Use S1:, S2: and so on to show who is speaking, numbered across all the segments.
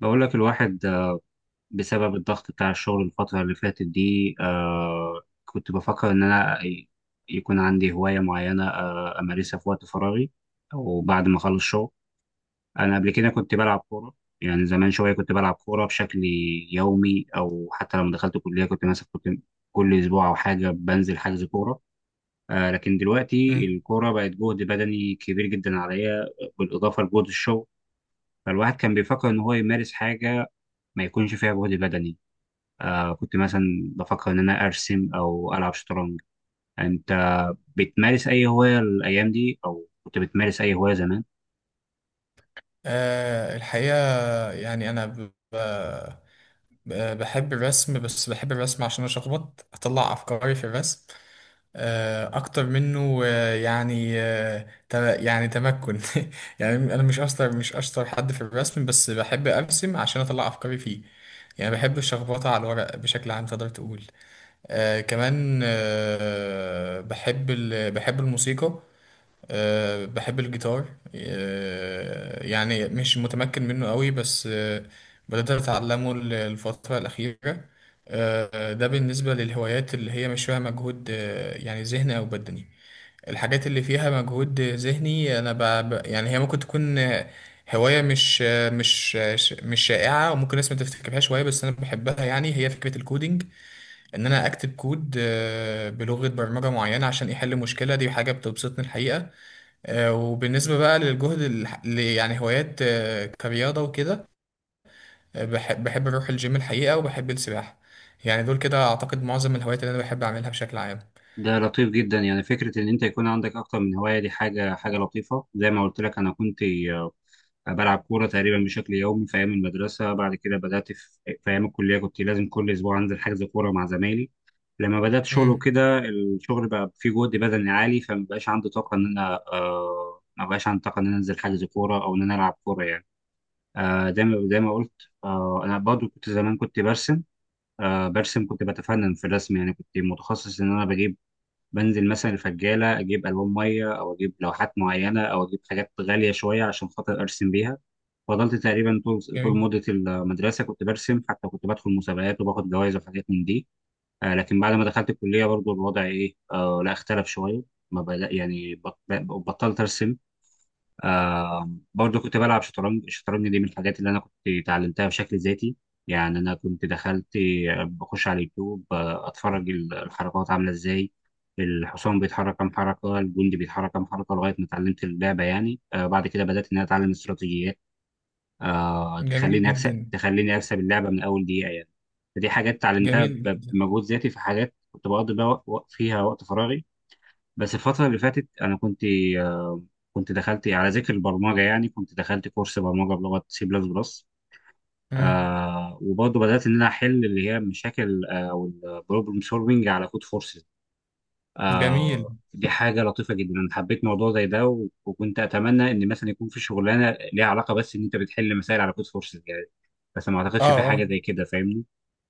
S1: بقول لك الواحد، بسبب الضغط بتاع الشغل الفترة اللي فاتت دي كنت بفكر إن أنا يكون عندي هواية معينة أمارسها في وقت فراغي، أو بعد ما أخلص شغل. أنا قبل كده كنت بلعب كورة، يعني زمان شوية كنت بلعب كورة بشكل يومي، أو حتى لما دخلت الكلية كنت مثلا كل أسبوع أو حاجة بنزل حجز كورة. لكن دلوقتي
S2: مم.
S1: الكورة بقت جهد بدني كبير جدا عليا، بالإضافة لجهد الشغل. فالواحد كان بيفكر إن هو يمارس حاجة ما يكونش فيها جهد بدني. كنت مثلا بفكر إن أنا أرسم أو ألعب شطرنج. أنت بتمارس أي هواية الأيام دي؟ أو كنت بتمارس أي هواية زمان؟
S2: الحقيقة، يعني أنا بحب الرسم، بس بحب الرسم عشان أشخبط أطلع أفكاري في الرسم أكتر منه، يعني تمكن. يعني أنا مش أشطر حد في الرسم، بس بحب أرسم عشان أطلع أفكاري فيه. يعني بحب الشخبطة على الورق بشكل عام تقدر تقول. كمان، بحب الموسيقى. بحب الجيتار. يعني مش متمكن منه قوي، بس بدأت أتعلمه الفترة الأخيرة. ده بالنسبة للهوايات اللي هي مش فيها مجهود، يعني ذهني أو بدني. الحاجات اللي فيها مجهود ذهني أنا يعني هي ممكن تكون هواية مش آه، مش آه، ش- مش شائعة، وممكن الناس ما تفتكرها شوية، بس أنا بحبها. يعني هي فكرة الكودينج، إن أنا أكتب كود بلغة برمجة معينة عشان يحل مشكلة. دي حاجة بتبسطني الحقيقة. وبالنسبة بقى للجهد يعني هوايات كرياضة وكده، بحب أروح الجيم الحقيقة وبحب السباحة. يعني دول كده أعتقد معظم الهوايات اللي أنا بحب أعملها بشكل عام.
S1: ده لطيف جدا، يعني فكرة إن أنت يكون عندك أكتر من هواية، دي حاجة لطيفة. زي ما قلت لك أنا كنت آه، بلعب كورة تقريبا بشكل يومي في أيام المدرسة. بعد كده بدأت في أيام الكلية كنت لازم كل أسبوع أنزل حجز كورة مع زمايلي. لما بدأت شغل
S2: مم.
S1: وكده، الشغل بقى فيه جهد بدني عالي، فمبقاش عندي طاقة إن أنا، مبقاش عندي طاقة إن أنا أنزل حجز كورة أو إن أنا ألعب كورة يعني. زي ما قلت، انا برضو كنت زمان كنت برسم، كنت بتفنن في الرسم. يعني كنت متخصص ان انا بجيب، بنزل مثلا الفجاله، اجيب الوان ميه او اجيب لوحات معينه او اجيب حاجات غاليه شويه عشان خاطر ارسم بيها. فضلت تقريبا طول
S2: جميل.
S1: مده المدرسه كنت برسم، حتى كنت بدخل مسابقات وباخد جوائز وحاجات من دي. لكن بعد ما دخلت الكليه، برضو الوضع ايه آه، لا، اختلف شويه. ما بدأ، يعني بطلت ارسم. برضو كنت بلعب شطرنج. الشطرنج دي من الحاجات اللي انا كنت اتعلمتها بشكل ذاتي. يعني انا كنت دخلت، بخش على اليوتيوب، اتفرج الحركات عامله ازاي، الحصان بيتحرك كام حركه، الجندي بيتحرك كام حركه، لغايه ما اتعلمت اللعبه يعني. بعد كده بدات ان انا اتعلم استراتيجيات
S2: جميل
S1: تخليني اكسب،
S2: جدا.
S1: اللعبه من اول دقيقه يعني. فدي حاجات اتعلمتها
S2: جميل جدا.
S1: بمجهود ذاتي، في حاجات كنت بقضي بقى فيها وقت فراغي. بس الفترة اللي فاتت أنا كنت، آه، كنت دخلت على ذكر البرمجة، يعني كنت دخلت كورس برمجة بلغة سي بلس بلس.
S2: مم.
S1: وبرضه بدأت إن أنا أحل اللي هي المشاكل، أو البروبلم سولفنج على كود فورسز.
S2: جميل.
S1: دي حاجة لطيفة جدا، أنا حبيت موضوع زي ده، وكنت أتمنى إن مثلا يكون في شغلانة ليها علاقة، بس إن أنت بتحل مسائل على كود فورسز يعني. بس ما أعتقدش
S2: اه،
S1: في حاجة
S2: اه.
S1: زي كده، فاهمني.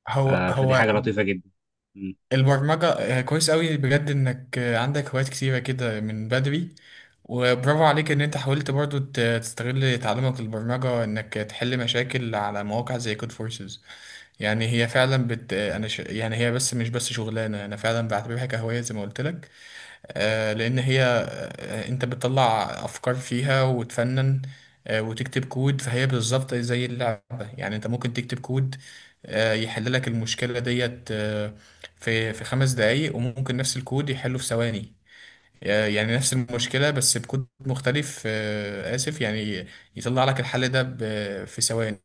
S2: هو،
S1: فدي
S2: هو.
S1: حاجة لطيفة جدا. م.
S2: البرمجة، كويس قوي بجد إنك عندك هوايات كتيرة كده من بدري. وبرافو عليك إن أنت حاولت برضو تستغل تعلمك البرمجة إنك تحل مشاكل على مواقع زي كود فورسز. يعني هي فعلا يعني هي بس مش بس شغلانه، انا فعلا بعتبرها كهوايه زي ما قلت لك. لان هي، انت بتطلع افكار فيها وتفنن، وتكتب كود. فهي بالظبط زي اللعبه، يعني انت ممكن تكتب كود يحل لك المشكله ديت، في خمس دقايق، وممكن نفس الكود يحله في ثواني. يعني نفس المشكلة بس بكود مختلف، آسف، يعني يطلع لك الحل ده في ثواني.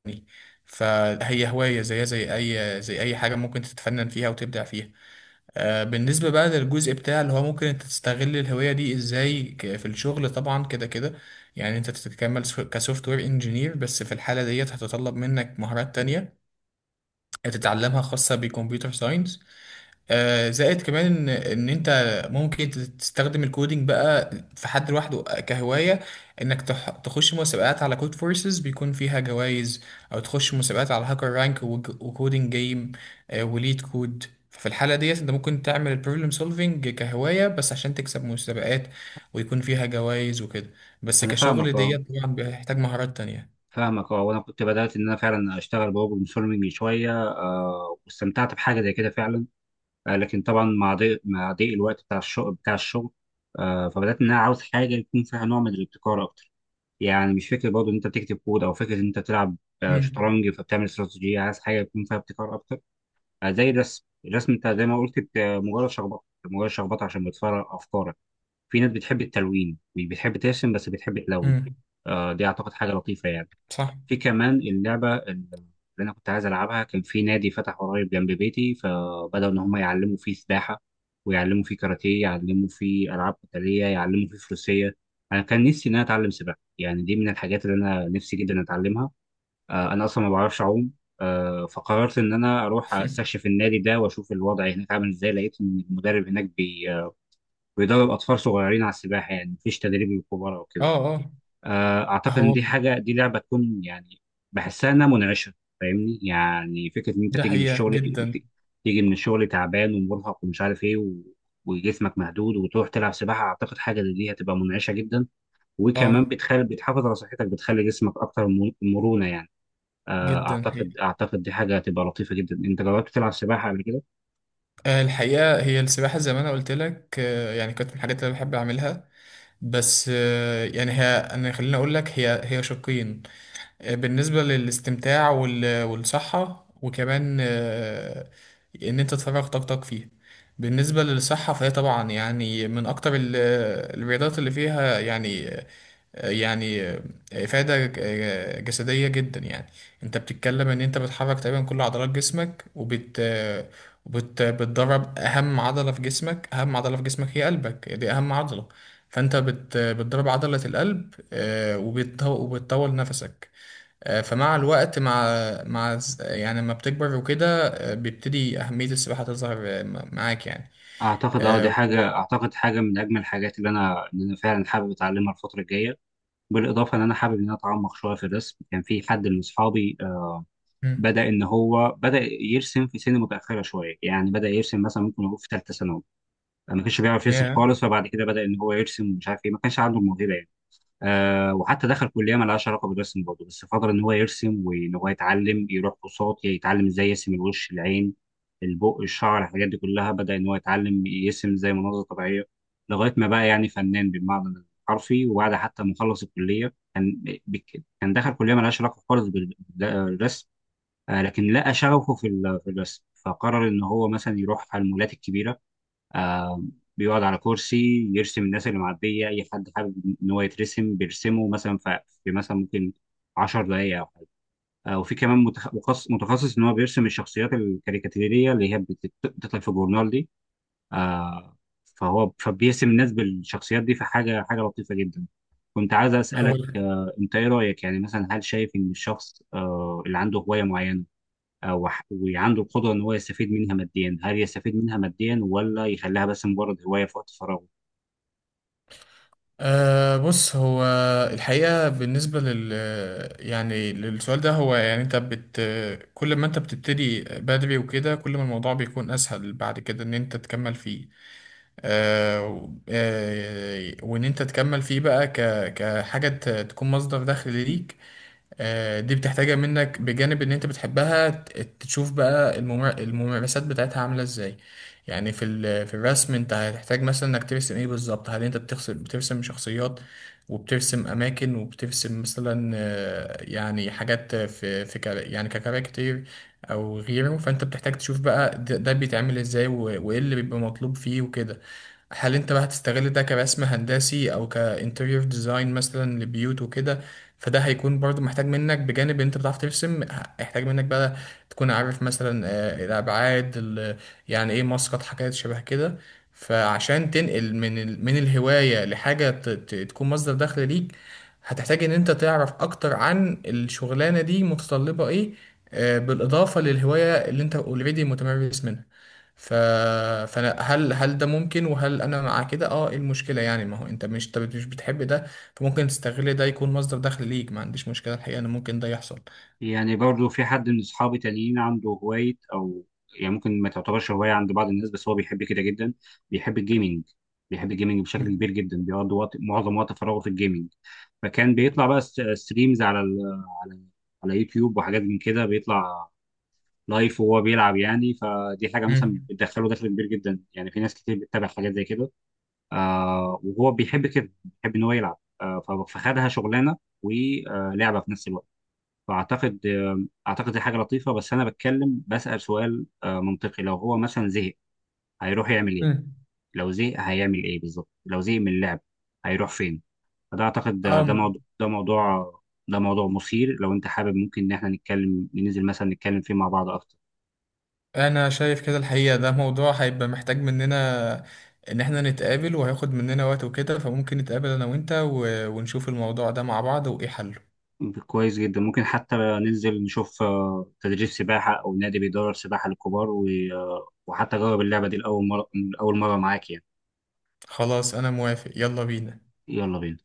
S2: فهي هواية زيها زي أي حاجة ممكن تتفنن فيها وتبدع فيها. بالنسبة بقى للجزء بتاع اللي هو ممكن انت تستغل الهواية دي ازاي في الشغل، طبعا كده كده، يعني انت تتكمل كسوفت وير انجينير. بس في الحالة ديت هتتطلب منك مهارات تانية تتعلمها خاصة بكمبيوتر ساينس. زائد كمان ان انت ممكن تستخدم الكودينج بقى في حد لوحده كهوايه. انك تخش مسابقات على كود فورسز بيكون فيها جوائز، او تخش مسابقات على هاكر رانك وكودينج جيم وليد كود. ففي الحاله ديت انت ممكن تعمل البروبلم سولفينج كهوايه بس عشان تكسب مسابقات ويكون فيها جوائز وكده. بس
S1: أنا
S2: كشغل
S1: فاهمك، أه،
S2: ديت طبعا بيحتاج مهارات تانية.
S1: فاهمك اه وانا كنت بدات ان انا فعلا اشتغل بروبلم سولفنج شويه، واستمتعت بحاجه زي كده فعلا. لكن طبعا، مع ضيق الوقت بتاع الشغل فبدات ان انا عاوز حاجه يكون فيها نوع من الابتكار اكتر. يعني مش فكره برضه ان انت بتكتب كود، او فكره ان انت تلعب
S2: امم،
S1: شطرنج فبتعمل استراتيجيه، عايز حاجه يكون فيها ابتكار اكتر. زي الرسم، الرسم انت زي ما قلت مجرد شخبطه، مجرد شخبطه عشان بتفرغ افكارك. في ناس بتحب التلوين، مش بتحب ترسم بس بتحب تلون.
S2: امم.
S1: دي اعتقد حاجه لطيفه يعني.
S2: صح.
S1: في كمان اللعبة اللي أنا كنت عايز ألعبها. كان في نادي فتح قريب جنب بيتي، فبدأوا إن هم يعلموا فيه سباحة، ويعلموا فيه كاراتيه، يعلموا فيه ألعاب قتالية، يعلموا فيه فروسية. أنا كان نفسي إن أنا أتعلم سباحة، يعني دي من الحاجات اللي أنا نفسي جدا أتعلمها. أنا أصلا ما بعرفش أعوم. فقررت إن أنا أروح أستكشف النادي ده وأشوف الوضع هناك عامل إزاي. لقيت إن المدرب هناك بيدرب أطفال صغيرين على السباحة، يعني مفيش تدريب للكبار أو
S2: اه،
S1: كده.
S2: اه.
S1: اعتقد ان
S2: هو.
S1: دي حاجه، دي لعبه تكون يعني بحسها انها منعشه. فاهمني، يعني فكره ان انت
S2: ده
S1: تيجي من
S2: حقيقه
S1: الشغل،
S2: جدا.
S1: ت- تيجي من الشغل تعبان ومرهق ومش عارف ايه وجسمك مهدود، وتروح تلعب سباحه، اعتقد حاجه زي دي هتبقى منعشه جدا. وكمان
S2: اه.
S1: بتخلي، بتحافظ على صحتك، بتخلي جسمك اكتر مرونه يعني.
S2: جدا حقيقي.
S1: اعتقد دي حاجه هتبقى لطيفه جدا. انت جربت تلعب سباحه قبل كده؟
S2: الحقيقة هي السباحة زي ما أنا قلت لك، يعني كانت من الحاجات اللي أنا بحب أعملها. بس، يعني هي، أنا خليني أقول لك، هي هي شقين. بالنسبة للاستمتاع والصحة، وكمان إن أنت تفرغ طاقتك فيها. بالنسبة للصحة فهي طبعا يعني من أكتر الرياضات اللي فيها، يعني، يعني إفادة جسدية جدا. يعني انت بتتكلم ان انت بتحرك تقريبا كل عضلات جسمك، وبت وبت بتدرب اهم عضلة في جسمك. اهم عضلة في جسمك هي قلبك، دي اهم عضلة. فانت بتدرب عضلة القلب، وبتطول نفسك. فمع الوقت، يعني لما بتكبر وكده، بيبتدي أهمية السباحة تظهر معاك يعني.
S1: اعتقد اه،
S2: آه،
S1: دي
S2: و...
S1: حاجه، اعتقد حاجه من اجمل الحاجات اللي انا فعلا حابب اتعلمها الفتره الجايه. بالاضافه ان انا حابب ان انا اتعمق شويه في الرسم. كان في حد من اصحابي
S2: مم.
S1: بدا ان هو بدا يرسم في سن متاخره شويه. يعني بدا يرسم مثلا، ممكن يقول في ثالثه ثانوي ما كانش بيعرف يرسم
S2: yeah.
S1: خالص، فبعد كده بدا ان هو يرسم ومش عارف ايه، ما كانش عنده الموهبه. وحتى دخل كليه ما لهاش علاقه بالرسم برضه، بس فضل ان هو يرسم وان هو يتعلم، يروح كورسات يتعلم ازاي يرسم، الوش، العين، البق، الشعر، الحاجات دي كلها. بدا ان هو يتعلم يرسم زي مناظر طبيعيه، لغايه ما بقى يعني فنان بالمعنى الحرفي. وبعد حتى ما خلص الكليه كان، كان دخل كليه ما لهاش علاقه خالص بالرسم. لكن لقى شغفه في الرسم، فقرر ان هو مثلا يروح على المولات الكبيره، آه بيقعد على كرسي يرسم الناس اللي معدية. أي حد حابب إن هو يترسم بيرسمه، مثلا في مثلا ممكن 10 دقايق أو حاجة. وفي كمان مخصص، متخصص إن هو بيرسم الشخصيات الكاريكاتيرية اللي هي بتطلع في الجورنال دي. آه فبيرسم الناس بالشخصيات دي، فحاجة، لطيفة جدا. كنت عايز
S2: هو،
S1: أسألك، أنت إيه رأيك؟ يعني مثلا هل شايف إن الشخص، اللي عنده هواية معينة وعنده القدرة إن هو يستفيد منها ماديا، هل يستفيد منها ماديا، ولا يخليها بس مجرد هواية في وقت فراغه؟
S2: بص، الحقيقة بالنسبة يعني للسؤال ده. هو يعني انت بت كل ما انت بتبتدي بدري وكده كل ما الموضوع بيكون اسهل بعد كده ان انت تكمل فيه. أه و- أه وان انت تكمل فيه بقى كحاجة تكون مصدر دخل ليك. دي بتحتاجها منك بجانب ان انت بتحبها. تشوف بقى الممارسات بتاعتها عاملة ازاي. يعني في الرسم انت هتحتاج مثلا انك ترسم ايه بالظبط. هل انت بترسم شخصيات وبترسم اماكن وبترسم مثلا، يعني حاجات في يعني ككاركتير او غيره. فانت بتحتاج تشوف بقى، ده بيتعمل ازاي وايه اللي بيبقى مطلوب فيه وكده. هل انت بقى هتستغل ده كرسم هندسي او كانتيريور ديزاين مثلا لبيوت وكده. فده هيكون برضو محتاج منك بجانب انت بتعرف ترسم، هيحتاج منك بقى تكون عارف مثلا، الابعاد يعني ايه، مسقط، حاجات شبه كده. فعشان تنقل من من الهواية لحاجة تكون مصدر دخل ليك، هتحتاج ان انت تعرف اكتر عن الشغلانة دي متطلبة ايه، بالاضافة للهواية اللي انت اوريدي متمرس منها. ف... فانا، هل ده ممكن؟ وهل انا مع كده؟ اه، ايه المشكلة؟ يعني ما هو انت مش بتحب ده، فممكن تستغل ده يكون مصدر دخل ليك. ما عنديش مشكلة الحقيقة ان ممكن ده يحصل.
S1: يعني برضه في حد من أصحابي تانيين عنده هواية، أو يعني ممكن ما تعتبرش هواية عند بعض الناس، بس هو بيحب كده جدا. بيحب الجيمنج، بشكل
S2: مم.
S1: كبير جدا، بيقضي وقت، معظم وقت فراغه في الجيمنج. فكان بيطلع بقى ستريمز على يوتيوب وحاجات من كده، بيطلع لايف وهو بيلعب يعني. فدي حاجة مثلا
S2: مم.
S1: بتدخله دخل كبير جدا، يعني في ناس كتير بتتابع حاجات زي كده. وهو بيحب كده، بيحب ان هو يلعب، فخدها شغلانه ولعبه في نفس الوقت. فاعتقد، اعتقد دي حاجه لطيفه، بس انا بتكلم، بسأل سؤال منطقي، لو هو مثلا زهق هيروح يعمل ايه؟
S2: مم.
S1: لو زهق هيعمل ايه بالظبط؟ لو زهق من اللعب هيروح فين؟ فده اعتقد، ده ده
S2: أم.
S1: ده موضوع مثير. لو انت حابب ممكن ان احنا نتكلم، ننزل مثلا نتكلم فيه مع بعض اكتر.
S2: أنا شايف كده الحقيقة، ده موضوع هيبقى محتاج مننا إن إحنا نتقابل، وهياخد مننا وقت وكده. فممكن نتقابل أنا وإنت ونشوف الموضوع ده مع بعض وإيه حله.
S1: كويس جدا، ممكن حتى ننزل نشوف تدريب سباحة أو نادي بيدرب سباحة للكبار، وحتى أجرب اللعبة دي لأول مرة. أول مرة معاك يعني.
S2: خلاص، أنا موافق، يلا بينا.
S1: يلا بينا.